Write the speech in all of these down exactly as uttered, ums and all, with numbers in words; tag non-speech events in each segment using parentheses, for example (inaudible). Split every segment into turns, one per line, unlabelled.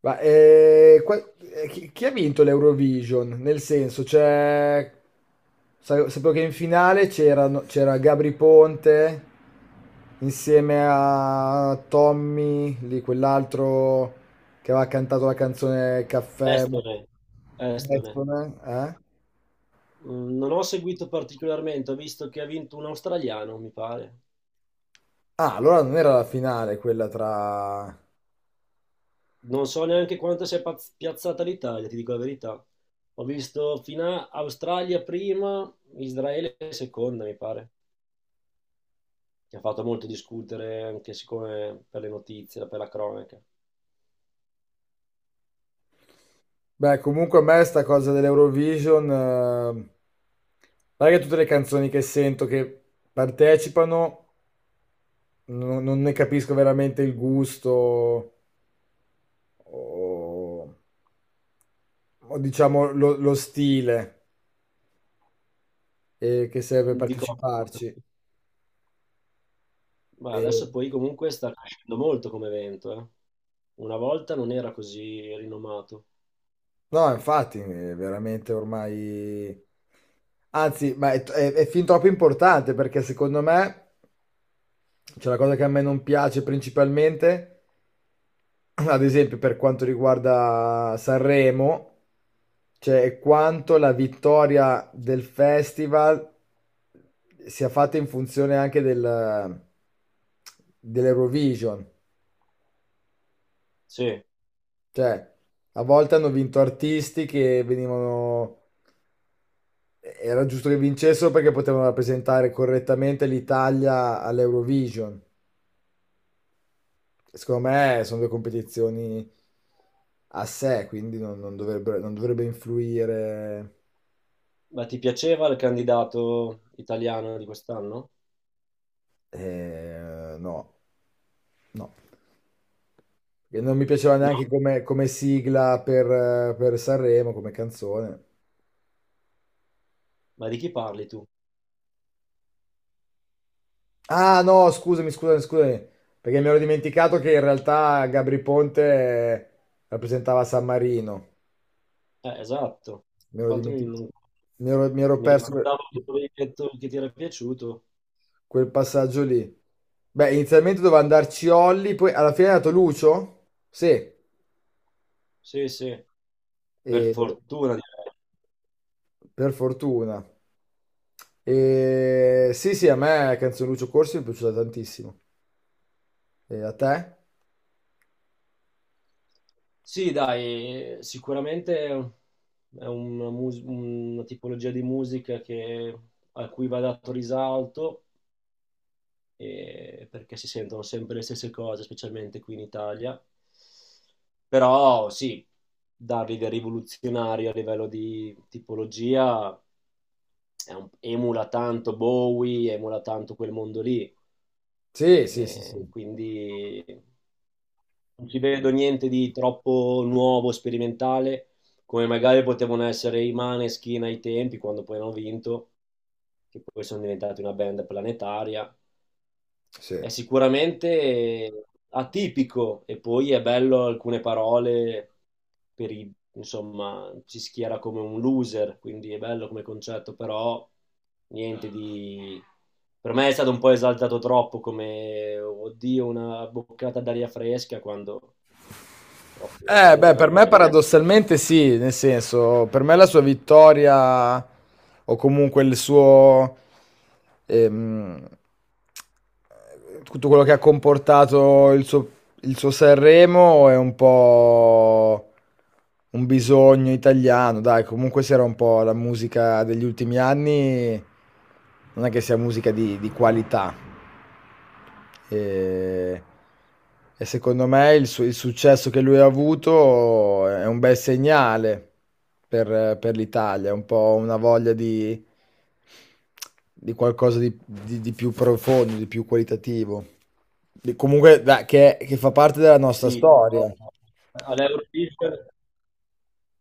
Ma eh, qua- eh, chi, chi ha vinto l'Eurovision? Nel senso, cioè, sa- sapevo che in finale c'erano- c'era Gabri Ponte insieme a Tommy, lì quell'altro che aveva cantato la canzone Caffè.
Estone, Estone.
Eh?
Mm, Non ho seguito particolarmente, ho visto che ha vinto un australiano, mi pare.
Ah, allora non era la finale quella tra...
Non so neanche quanto si è paz- piazzata l'Italia, ti dico la verità. Ho visto fino a Australia prima, Israele seconda, mi pare, che ha fatto molto discutere anche siccome per le notizie, per la cronaca.
Beh, comunque a me sta cosa dell'Eurovision, eh, non è che tutte le canzoni che sento che partecipano non, non ne capisco veramente il gusto o, o diciamo lo, lo stile eh, che serve per
Di contro.
parteciparci.
Ma
E-
adesso poi comunque sta crescendo molto come evento, eh. Una volta non era così rinomato.
no, infatti, è veramente ormai... Anzi, ma è, è- è fin troppo importante perché secondo me c'è la cosa che a me non piace principalmente, ad esempio, per quanto riguarda Sanremo, cioè quanto la vittoria del festival sia fatta in funzione anche del, dell'Eurovision.
Sì.
Cioè, a volte hanno vinto artisti che venivano... Era giusto che vincessero perché potevano rappresentare correttamente l'Italia all'Eurovision. Secondo me sono due competizioni a sé, quindi non, non dovrebbe, non dovrebbe influire.
Ma ti piaceva il candidato italiano di quest'anno?
Eh, no, no. E non mi piaceva
No,
neanche come, come sigla per, eh, per Sanremo, come canzone.
ma di chi parli tu?
Ah, no, scusami, scusami, scusami, perché mi ero dimenticato che in realtà Gabri Ponte eh, rappresentava San Marino.
Eh, esatto.
Mi ero dimenti-
Fatemi un...
mi ero- Mi ero
Mi
perso quel
ricordavo che tu avevi detto che ti era piaciuto.
quel passaggio lì. Beh, inizialmente doveva andarci Olli, poi alla fine è andato Lucio? Sì,
Sì, sì, per
e-
fortuna, direi.
per fortuna. E... Sì, sì, a me Canzone Lucio Corsi mi è piaciuta tantissimo. E a te?
Sì, dai, sicuramente è una, mus- una tipologia di musica che a cui va dato risalto, eh, perché si sentono sempre le stesse cose, specialmente qui in Italia. Però sì, dargli del rivoluzionario a livello di tipologia è un- emula tanto Bowie, emula tanto quel mondo lì,
Sì, sì, sì,
eh,
sì.
quindi non ci vedo niente di troppo nuovo, sperimentale, come magari potevano essere i Maneskin ai tempi, quando poi hanno vinto, che poi sono diventati una band planetaria.
Sì,
È
sì.
sicuramente atipico e poi è bello alcune parole per i, insomma, ci schiera come un loser, quindi è bello come concetto, però niente di... Per me è stato un po' esaltato troppo come, oddio, una boccata d'aria fresca quando proprio
Eh, beh,
fresca
per me
non è.
paradossalmente sì, nel senso, per me la sua vittoria o comunque il suo... ehm, tutto quello che ha comportato il suo, il suo Sanremo è un po' un bisogno italiano, dai, comunque se era un po' la musica degli ultimi anni, non è che sia musica di, di qualità, e, e secondo me il, su- il successo che lui ha avuto è un bel segnale per, per l'Italia, è un po' una voglia di, di qualcosa di, di- di più profondo, di più qualitativo. Di- comunque, dai, che, che fa parte della nostra
Sì, però
storia.
all'Eurovision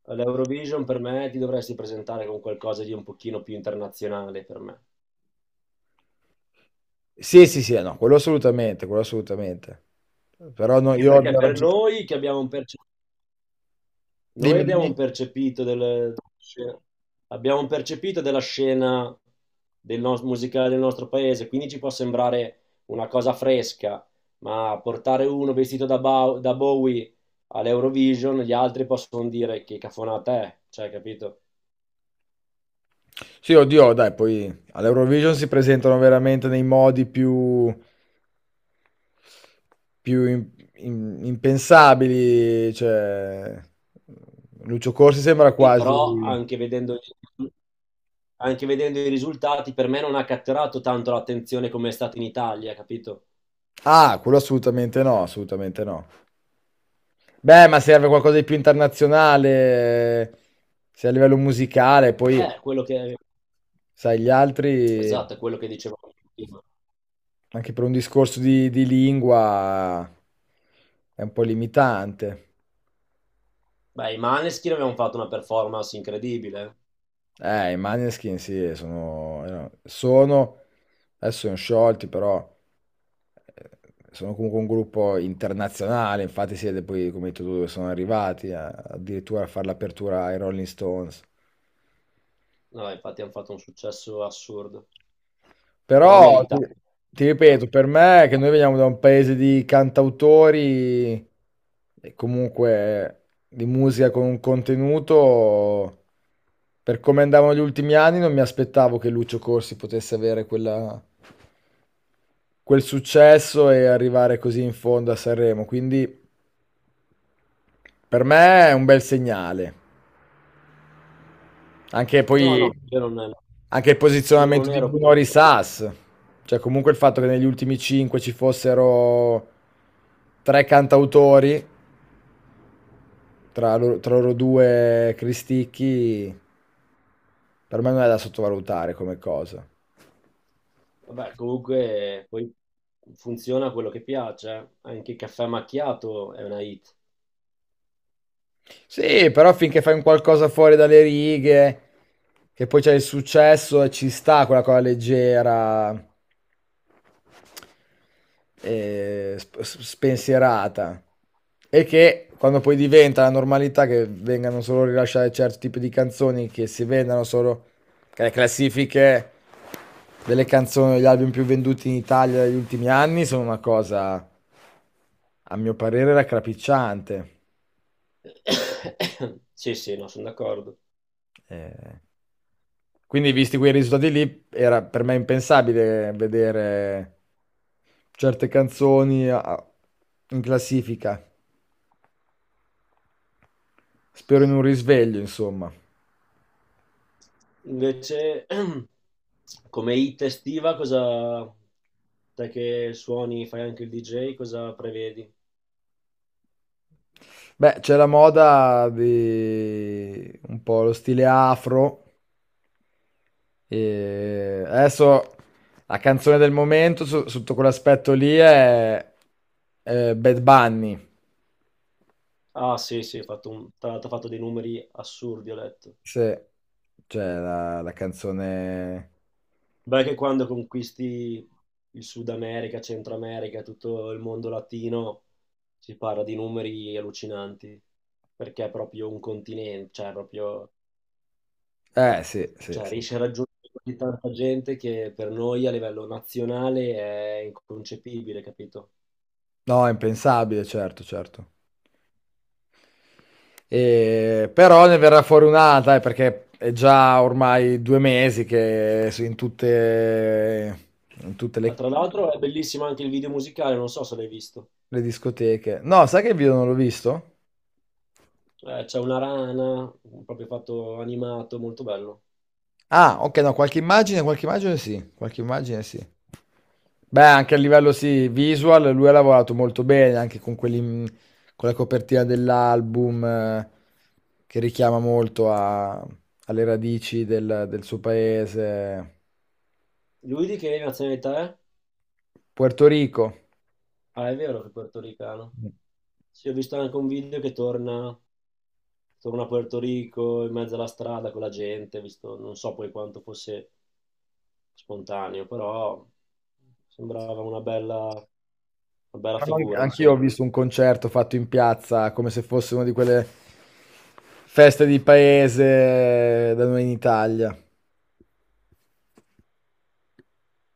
all'Eurovision per me ti dovresti presentare con qualcosa di un pochino più internazionale per me.
Sì, sì, sì, no, quello assolutamente, quello assolutamente. Però no,
Anche
io ho
perché per
ragione.
noi che abbiamo un perce- noi
Dimmi,
abbiamo un
dimmi.
percepito del- abbiamo un percepito della scena del nos- musicale del nostro paese, quindi ci può sembrare una cosa fresca, ma portare uno vestito da, Bow- da Bowie all'Eurovision, gli altri possono dire che cafonata è, cioè, capito?
Sì, oddio, dai, poi all'Eurovision si presentano veramente nei modi più, più im- im- impensabili, cioè Lucio Corsi sembra
Sì, però
quasi...
anche vedendo, anche vedendo i risultati, per me non ha catturato tanto l'attenzione come è stato in Italia, capito?
Ah, quello assolutamente no, assolutamente no. Beh, ma serve qualcosa di più internazionale, eh, sia a livello musicale, poi,
Eh, quello che,
sai, gli altri,
esatto, è quello che dicevo prima.
anche per un discorso di, di lingua, è un po' limitante.
Beh, i Maneskin avevano fatto una performance incredibile.
Eh, I Maneskin sì, sono, erano- sono, adesso sono sciolti, però eh, sono comunque un gruppo internazionale, infatti siete poi, come hai detto tu, dove sono arrivati, a- addirittura a fare l'apertura ai Rolling Stones.
No, infatti hanno fatto un successo assurdo, però
Però, ti,
meritato.
ti ripeto, per me, che noi veniamo da un paese di cantautori e comunque di musica con un contenuto, per come andavano gli ultimi anni, non mi aspettavo che Lucio Corsi potesse avere quella quel successo e arrivare così in fondo a Sanremo. Quindi per me è un bel segnale. Anche
No, no,
poi
io non ero,
anche il
io non
posizionamento di
ero-
Bruno Risas, cioè comunque il fatto che negli ultimi cinque ci fossero tre cantautori, tra loro, tra loro due Cristicchi, per me non è da sottovalutare come cosa.
Vabbè, comunque poi funziona quello che piace, eh. Anche il caffè macchiato è una hit.
Sì, però finché fai un qualcosa fuori dalle righe, che poi c'è il successo e ci sta quella cosa leggera, eh, sp- s- spensierata, e che quando poi diventa la normalità che vengano solo rilasciate certi tipi di canzoni che si vendano solo, che le classifiche delle canzoni degli album più venduti in Italia negli ultimi anni sono una cosa a mio parere raccapricciante.
(coughs) Sì, sì, no, sono d'accordo.
Eh, quindi visti quei risultati lì era per me impensabile vedere certe canzoni a- in classifica. Spero in un risveglio, insomma.
Invece, (clears throat) come hit estiva, cosa... Te che suoni, fai anche il D J, cosa prevedi?
Beh, c'è la moda di un po' lo stile afro. E adesso la canzone del momento su- sotto quell'aspetto lì è, è Bad Bunny.
Ah, sì, sì, ho fatto un- tra l'altro ho fatto dei numeri assurdi, ho letto.
Sì, cioè la, la canzone...
Beh, che quando conquisti il Sud America, Centro America, tutto il mondo latino, si parla di numeri allucinanti, perché è proprio un continente, cioè proprio,
Eh, sì, sì,
cioè
sì.
riesce a raggiungere così tanta gente che per noi a livello nazionale è inconcepibile, capito?
No, è impensabile, certo, certo. E- Però ne verrà fuori un'altra, eh, perché è già ormai due mesi che su- in tutte, in tutte
Ah,
le...
tra l'altro è bellissimo anche il video musicale, non so se l'hai visto.
Le discoteche. No, sai che il video non l'ho visto?
Eh, c'è una rana, proprio fatto animato, molto bello.
Ah, ok, no, qualche immagine, qualche immagine sì, qualche immagine sì. Beh, anche a livello sì, visual, lui ha lavorato molto bene, anche con quelli, mm, con la copertina dell'album, eh, che richiama molto a- alle radici del, del suo paese,
Lui di che nazionalità è?
Puerto Rico.
Ah, è vero che è portoricano. Sì, ho visto anche un video che torna, torna a Puerto Rico in mezzo alla strada con la gente, ho visto, non so poi quanto fosse spontaneo, però sembrava una bella, una bella
Fanno anche-
figura,
Anch'io ho
insomma.
visto un concerto fatto in piazza, come se fosse una di quelle feste di paese da noi in Italia.